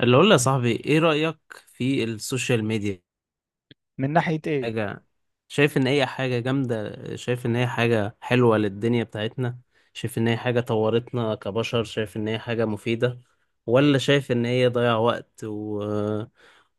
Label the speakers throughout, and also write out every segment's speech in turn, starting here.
Speaker 1: اللي اقول يا صاحبي، ايه رأيك في السوشيال ميديا؟
Speaker 2: من ناحية ايه؟
Speaker 1: حاجة، شايف ان هي حاجة جامدة؟ شايف ان هي حاجة حلوة للدنيا بتاعتنا؟ شايف ان هي حاجة طورتنا كبشر؟ شايف ان هي حاجة مفيدة ولا شايف ان هي ضيع وقت و...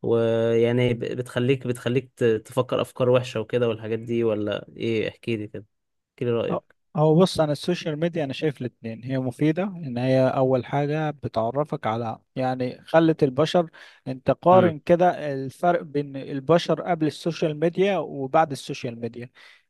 Speaker 1: ويعني بتخليك تفكر افكار وحشة وكده والحاجات دي ولا ايه؟ احكي لي كده، احكي لي
Speaker 2: أه،
Speaker 1: رأيك.
Speaker 2: هو بص، انا السوشيال ميديا انا شايف الاتنين هي مفيدة. ان هي اول حاجة بتعرفك على، يعني، خلت البشر. انت
Speaker 1: امم
Speaker 2: قارن كده الفرق بين البشر قبل السوشيال ميديا وبعد السوشيال ميديا.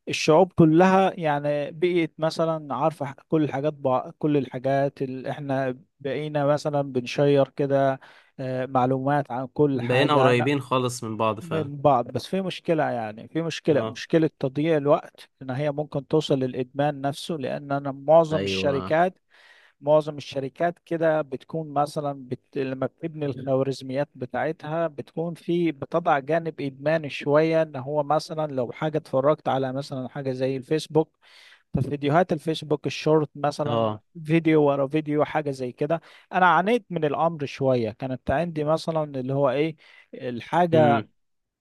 Speaker 2: الشعوب كلها يعني بقيت مثلا عارفة، كل الحاجات، كل الحاجات اللي احنا بقينا مثلا بنشير كده. آه، معلومات عن كل
Speaker 1: بقينا
Speaker 2: حاجة.
Speaker 1: قريبين خالص من بعض فعلا.
Speaker 2: من بعض، بس في مشكلة. يعني في مشكلة
Speaker 1: اه،
Speaker 2: مشكلة تضييع الوقت، إن هي ممكن توصل للإدمان نفسه. لأن أنا معظم
Speaker 1: ايوه،
Speaker 2: الشركات، معظم الشركات كده بتكون مثلا لما بتبني الخوارزميات بتاعتها بتكون بتضع جانب إدماني شوية، إن هو مثلا لو حاجة اتفرجت على مثلا حاجة زي الفيسبوك، ففيديوهات الفيسبوك الشورت مثلا،
Speaker 1: اه.
Speaker 2: فيديو ورا فيديو، حاجة زي كده. أنا عانيت من الأمر شوية، كانت عندي مثلا اللي هو إيه، الحاجة،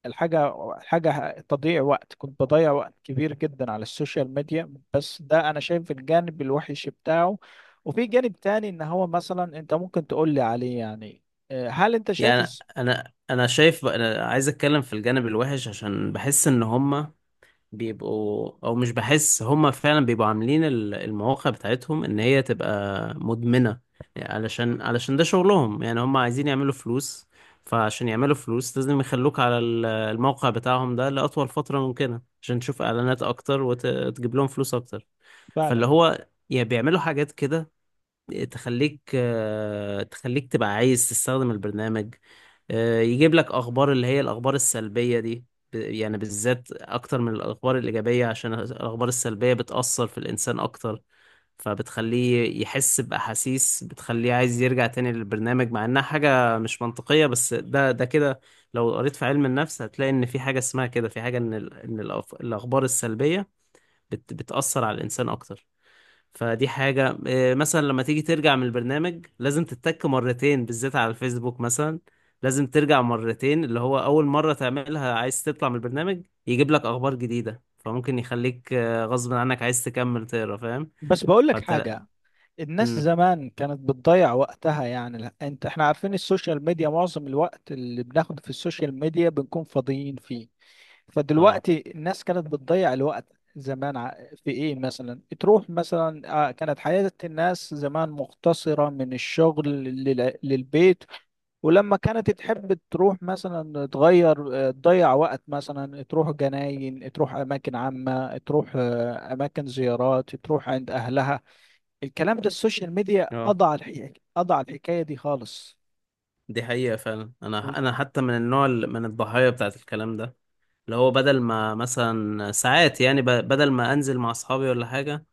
Speaker 2: الحاجة تضييع وقت، كنت بضيع وقت كبير جدا على السوشيال ميديا. بس ده أنا شايف الجانب الوحش بتاعه، وفي جانب تاني إن هو مثلا أنت ممكن تقول لي عليه يعني. آه، هل أنت شايف
Speaker 1: يعني انا شايف، انا عايز اتكلم في الجانب الوحش عشان بحس ان هما بيبقوا، او مش بحس، هما فعلا بيبقوا عاملين المواقع بتاعتهم ان هي تبقى مدمنة، يعني علشان ده شغلهم. يعني هما عايزين يعملوا فلوس، فعشان يعملوا فلوس لازم يخلوك على الموقع بتاعهم ده لأطول فترة ممكنة عشان تشوف اعلانات اكتر وتجيب لهم فلوس اكتر. فاللي
Speaker 2: فعلا؟
Speaker 1: هو يا بيعملوا حاجات كده تخليك، تخليك تبقى عايز تستخدم البرنامج، يجيب لك اخبار اللي هي الاخبار السلبية دي، يعني بالذات اكتر من الاخبار الايجابية، عشان الاخبار السلبية بتأثر في الانسان اكتر، فبتخليه يحس بأحاسيس بتخليه عايز يرجع تاني للبرنامج مع انها حاجة مش منطقية. بس ده كده، لو قريت في علم النفس هتلاقي ان في حاجة اسمها كده، في حاجة ان الاخبار السلبية بتأثر على الانسان اكتر. فدي حاجة إيه، مثلا لما تيجي ترجع من البرنامج لازم تتك 2 مرتين، بالذات على الفيسبوك مثلا لازم ترجع 2 مرتين، اللي هو أول مرة تعملها عايز تطلع من البرنامج يجيب لك أخبار جديدة، فممكن يخليك غصب عنك عايز تكمل تقرا، فاهم؟
Speaker 2: بس بقول لك
Speaker 1: فانت لا.
Speaker 2: حاجة، الناس
Speaker 1: امم،
Speaker 2: زمان كانت بتضيع وقتها. يعني لا، انت احنا عارفين السوشيال ميديا معظم الوقت اللي بناخده في السوشيال ميديا بنكون فاضيين فيه.
Speaker 1: اه،
Speaker 2: فدلوقتي الناس كانت بتضيع الوقت. زمان، في ايه، مثلا تروح مثلا، آه، كانت حياة الناس زمان مختصرة من الشغل للبيت. ولما كانت تحب تروح مثلا تغير، آه، تضيع وقت، مثلا تروح جناين، تروح أماكن عامة، تروح، آه، أماكن زيارات، تروح عند أهلها. الكلام ده السوشيال ميديا
Speaker 1: اه،
Speaker 2: قضى على الحكاية، قضى على الحكاية دي خالص.
Speaker 1: دي حقيقة فعلا.
Speaker 2: و-
Speaker 1: أنا حتى من النوع اللي من الضحايا بتاعت الكلام ده، اللي هو بدل ما مثلا ساعات، يعني بدل ما أنزل مع أصحابي ولا حاجة،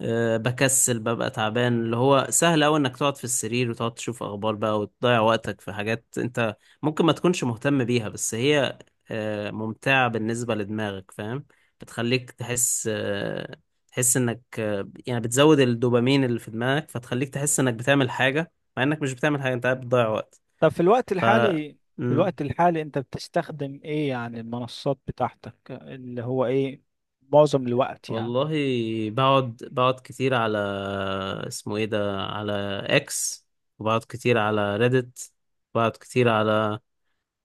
Speaker 1: أه بكسل، ببقى تعبان، اللي هو سهل أوي إنك تقعد في السرير وتقعد تشوف أخبار بقى وتضيع وقتك في حاجات أنت ممكن ما تكونش مهتم بيها، بس هي أه ممتعة بالنسبة لدماغك، فاهم؟ بتخليك تحس أه، تحس إنك أه، يعني بتزود الدوبامين اللي في دماغك، فتخليك تحس إنك بتعمل حاجة مع إنك مش بتعمل حاجة، أنت قاعد بتضيع وقت.
Speaker 2: طب في الوقت
Speaker 1: ف،
Speaker 2: الحالي، في الوقت الحالي انت بتستخدم ايه يعني؟ المنصات بتاعتك اللي هو ايه معظم الوقت يعني؟
Speaker 1: والله، بقعد كتير على، اسمه ايه ده، على اكس، وبقعد كتير على ريدت، بقعد كتير على،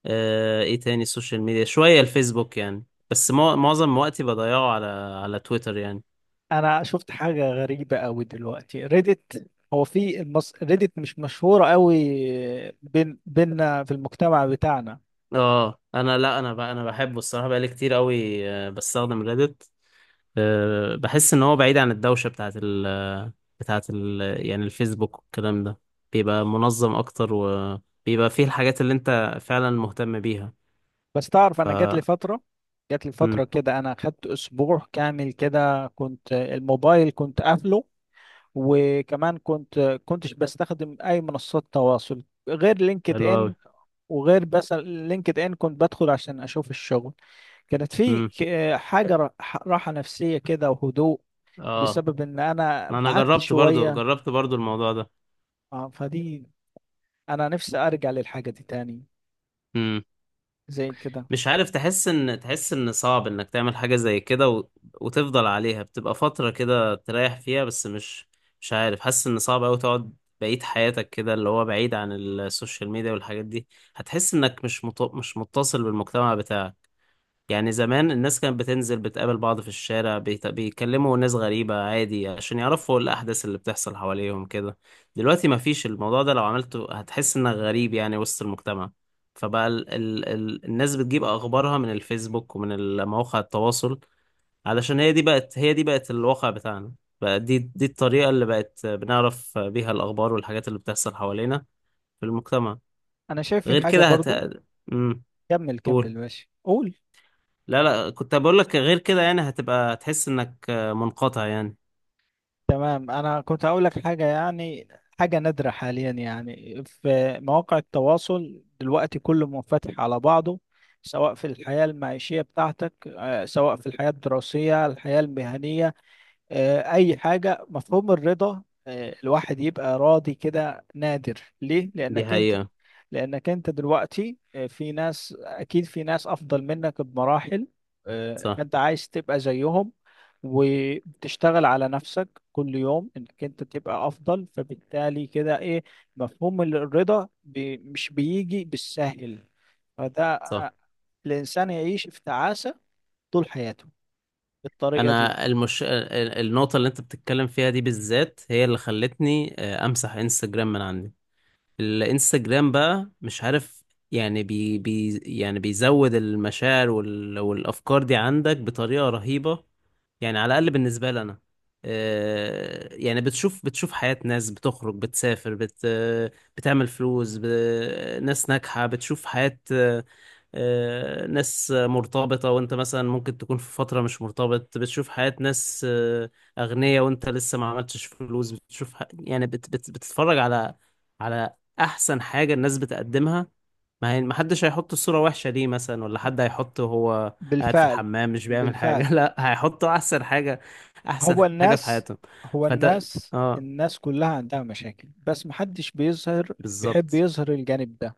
Speaker 1: آه، ايه تاني السوشيال ميديا، شوية الفيسبوك يعني، بس معظم وقتي بضيعه على، على تويتر يعني.
Speaker 2: انا شفت حاجة غريبة قوي دلوقتي، ريدت. هو في ريدت مش مشهورة قوي بين بيننا في المجتمع بتاعنا.
Speaker 1: اه، انا لا، انا بحبه الصراحة، بقالي كتير قوي بستخدم ريدت. آه، بحس ان هو بعيد عن الدوشة بتاعت ال، بتاعت ال، يعني الفيسبوك والكلام ده، بيبقى منظم اكتر وبيبقى فيه الحاجات اللي انت فعلا مهتم بيها.
Speaker 2: بس تعرف،
Speaker 1: ف،
Speaker 2: انا جات لي فترة، جات لي فترة
Speaker 1: امم،
Speaker 2: كده، انا خدت اسبوع كامل كده كنت الموبايل كنت قافله. وكمان كنتش بستخدم اي منصات تواصل غير لينكد
Speaker 1: حلو قوي،
Speaker 2: ان. وغير، بس لينكد ان كنت بدخل عشان اشوف الشغل. كانت في
Speaker 1: امم،
Speaker 2: حاجة، راحة نفسية كده وهدوء،
Speaker 1: اه.
Speaker 2: بسبب ان انا
Speaker 1: ما انا
Speaker 2: بعدت
Speaker 1: جربت برضو،
Speaker 2: شوية.
Speaker 1: جربت برضو الموضوع ده.
Speaker 2: آه، فدي، انا نفسي ارجع للحاجة دي تاني،
Speaker 1: امم،
Speaker 2: زي كده.
Speaker 1: مش عارف، تحس ان، تحس ان صعب انك تعمل حاجة زي كده و... وتفضل عليها، بتبقى فترة كده تريح فيها، بس مش، مش عارف، حاسس ان صعب قوي تقعد بقية حياتك كده اللي هو بعيد عن السوشيال ميديا والحاجات دي. هتحس انك مش مط... مش متصل بالمجتمع بتاعك، يعني زمان الناس كانت بتنزل بتقابل بعض في الشارع بيتكلموا ناس غريبة عادي عشان يعرفوا الأحداث اللي بتحصل حواليهم كده. دلوقتي مفيش الموضوع ده، لو عملته هتحس إنك غريب يعني وسط المجتمع، فبقى ال الناس بتجيب أخبارها من الفيسبوك ومن مواقع التواصل، علشان هي دي بقت، هي دي بقت الواقع بتاعنا، بقى دي الطريقة اللي بقت بنعرف بيها الأخبار والحاجات اللي بتحصل حوالينا في المجتمع.
Speaker 2: انا شايف في
Speaker 1: غير
Speaker 2: حاجة
Speaker 1: كده هت،
Speaker 2: برضو.
Speaker 1: مم،
Speaker 2: كمل كمل
Speaker 1: قول.
Speaker 2: ماشي، قول.
Speaker 1: لا لا، كنت بقول لك غير كده يعني هتبقى تحس انك منقطع يعني.
Speaker 2: تمام، انا كنت هقول لك حاجه يعني، حاجه نادره حاليا. يعني في مواقع التواصل دلوقتي كله منفتح على بعضه، سواء في الحياه المعيشيه بتاعتك، آه، سواء في الحياه الدراسيه، الحياه المهنيه، آه، اي حاجه. مفهوم الرضا، آه، الواحد يبقى راضي كده، نادر. ليه؟
Speaker 1: دي
Speaker 2: لانك انت،
Speaker 1: حقيقة،
Speaker 2: لانك انت دلوقتي، آه، في ناس، اكيد في ناس افضل منك بمراحل. آه،
Speaker 1: صح،
Speaker 2: فانت عايز تبقى زيهم وتشتغل على نفسك كل يوم انك انت تبقى افضل. فبالتالي كده ايه، مفهوم الرضا بي مش بيجي بالسهل. فده،
Speaker 1: صح.
Speaker 2: آه، الانسان يعيش في تعاسة طول حياته بالطريقة دي.
Speaker 1: انا المش... النقطة اللي انت بتتكلم فيها دي بالذات هي اللي خلتني امسح انستجرام من عندي. الانستجرام بقى مش عارف، يعني بي... بي... يعني بيزود المشاعر وال... والافكار دي عندك بطريقة رهيبة، يعني على الأقل بالنسبة لي أنا. يعني بتشوف حياة ناس بتخرج، بتسافر، بت آه، بتعمل فلوس، ب... ناس ناجحة، بتشوف حياة آه، آه، ناس مرتبطة وأنت مثلا ممكن تكون في فترة مش مرتبط، بتشوف حياة ناس آه، أغنياء وأنت لسه ما عملتش فلوس، بتشوف ح... يعني بت... بت... بتتفرج على على أحسن حاجة الناس بتقدمها. ما هي ما حدش هيحط الصورة وحشة ليه مثلا؟ ولا حد هيحط وهو قاعد في
Speaker 2: بالفعل،
Speaker 1: الحمام مش بيعمل
Speaker 2: بالفعل.
Speaker 1: حاجة لا، هيحطه أحسن حاجة، أحسن
Speaker 2: هو
Speaker 1: حاجة في
Speaker 2: الناس،
Speaker 1: حياتهم.
Speaker 2: هو
Speaker 1: فأنت،
Speaker 2: الناس
Speaker 1: اه،
Speaker 2: الناس كلها عندها مشاكل بس محدش بيظهر، بيحب
Speaker 1: بالظبط،
Speaker 2: يظهر الجانب ده.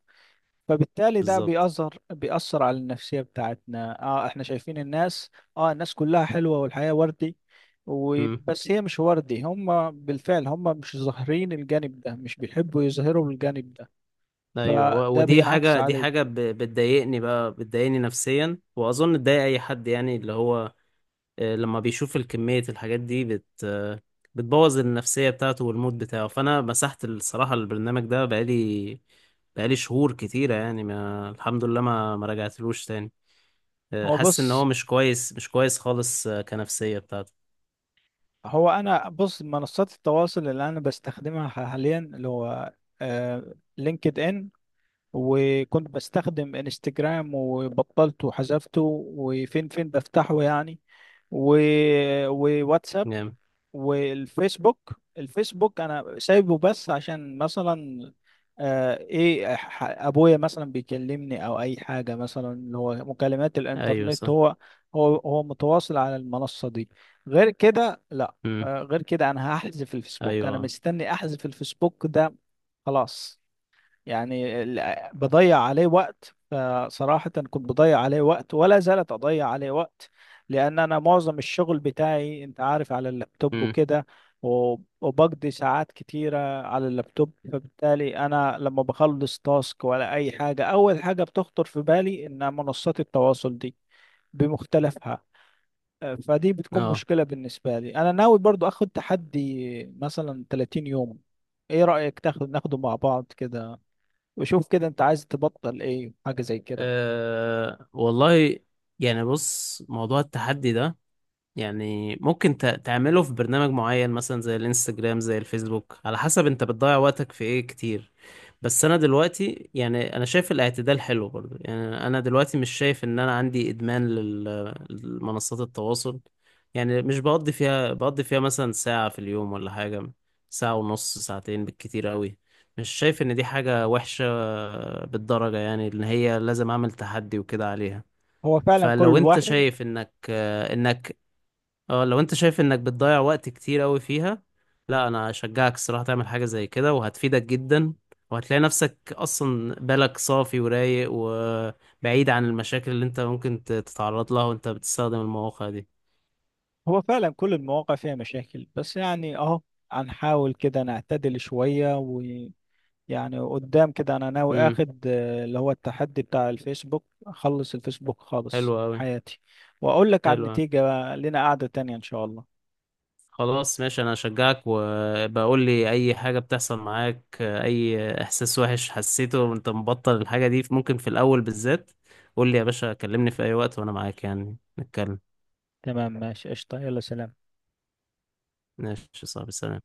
Speaker 2: فبالتالي ده
Speaker 1: بالظبط،
Speaker 2: بيأثر على النفسية بتاعتنا. اه احنا شايفين الناس، اه، الناس كلها حلوة والحياة وردي.
Speaker 1: امم.
Speaker 2: وبس هي مش وردي، هم بالفعل، هم مش ظاهرين الجانب ده، مش بيحبوا يظهروا الجانب ده.
Speaker 1: أيوه،
Speaker 2: فده
Speaker 1: ودي
Speaker 2: بينعكس
Speaker 1: حاجة،
Speaker 2: عليك.
Speaker 1: بتضايقني بقى، بتضايقني نفسيا وأظن تضايق أي حد، يعني اللي هو لما بيشوف الكمية الحاجات دي بت آه، بتبوظ النفسية بتاعته والمود بتاعه. فأنا مسحت الصراحة البرنامج ده، بقالي شهور كتيرة يعني، ما الحمد لله ما رجعتلوش تاني.
Speaker 2: هو
Speaker 1: حاسس إن هو
Speaker 2: بص،
Speaker 1: مش كويس، مش كويس خالص كنفسية بتاعته.
Speaker 2: هو انا بص، منصات التواصل اللي انا بستخدمها حاليا اللي هو آه لينكد ان. وكنت بستخدم انستجرام وبطلته وحذفته. وفين فين بفتحه يعني. و... وواتساب،
Speaker 1: جامد،
Speaker 2: والفيسبوك. الفيسبوك انا سايبه بس عشان مثلا، آه، ايه، ابويا مثلا بيكلمني، او اي حاجه، مثلا اللي هو مكالمات
Speaker 1: أيوة،
Speaker 2: الانترنت.
Speaker 1: صح،
Speaker 2: هو هو هو متواصل على المنصه دي، غير كده لا.
Speaker 1: مم،
Speaker 2: آه، غير كده انا هحذف الفيسبوك. انا
Speaker 1: أيوة،
Speaker 2: مستني احذف الفيسبوك ده خلاص. يعني بضيع عليه وقت، فصراحة كنت بضيع عليه وقت ولا زالت أضيع عليه وقت. لأن أنا معظم الشغل بتاعي أنت عارف على اللابتوب
Speaker 1: مم،
Speaker 2: وكده. وبقضي ساعات كتيرة على اللابتوب. فبالتالي أنا لما بخلص تاسك ولا أي حاجة، أول حاجة بتخطر في بالي إن منصات التواصل دي بمختلفها. أه، فدي بتكون
Speaker 1: أه.
Speaker 2: مشكلة بالنسبة لي. أنا ناوي برضو أخد تحدي مثلا 30 يوم. إيه رأيك تاخد، ناخده مع بعض كده؟ وشوف كده انت عايز تبطل ايه، حاجة زي كده.
Speaker 1: والله، يعني بص، موضوع التحدي ده يعني ممكن تعمله في برنامج معين مثلا زي الانستجرام زي الفيسبوك، على حسب انت بتضيع وقتك في ايه كتير. بس انا دلوقتي يعني، انا شايف الاعتدال حلو برضو، يعني انا دلوقتي مش شايف ان انا عندي ادمان لمنصات التواصل. يعني مش بقضي فيها مثلا 1 ساعة في اليوم ولا حاجة، 1 ساعة ونص، 2 ساعتين بالكتير قوي. مش شايف ان دي حاجة وحشة بالدرجة يعني ان هي لازم اعمل تحدي وكده عليها.
Speaker 2: هو فعلا
Speaker 1: فلو
Speaker 2: كل
Speaker 1: انت
Speaker 2: واحد،
Speaker 1: شايف انك اه، لو انت شايف انك بتضيع وقت كتير قوي فيها، لا، انا اشجعك الصراحة تعمل حاجة زي كده، وهتفيدك جدا، وهتلاقي نفسك اصلا بالك صافي ورايق وبعيد عن المشاكل اللي انت ممكن تتعرض لها وانت بتستخدم المواقع دي.
Speaker 2: هو فعلا كل المواقع فيها مشاكل. بس يعني اهو، هنحاول كده نعتدل شوية ويعني. قدام كده انا ناوي
Speaker 1: امم،
Speaker 2: اخد، آه، اللي هو التحدي بتاع الفيسبوك، اخلص الفيسبوك
Speaker 1: حلو
Speaker 2: خالص
Speaker 1: قوي،
Speaker 2: حياتي. واقول لك عن
Speaker 1: حلو أوي.
Speaker 2: النتيجة بقى، لنا قعدة تانية ان شاء الله.
Speaker 1: خلاص ماشي، انا اشجعك، وبقول لي اي حاجة بتحصل معاك، اي احساس وحش حسيته وانت مبطل الحاجة دي، ممكن في الاول بالذات، قول لي يا باشا، كلمني في اي وقت وانا معاك، يعني نتكلم.
Speaker 2: تمام ماشي، قشطة، يلا سلام.
Speaker 1: ماشي يا صاحبي، سلام.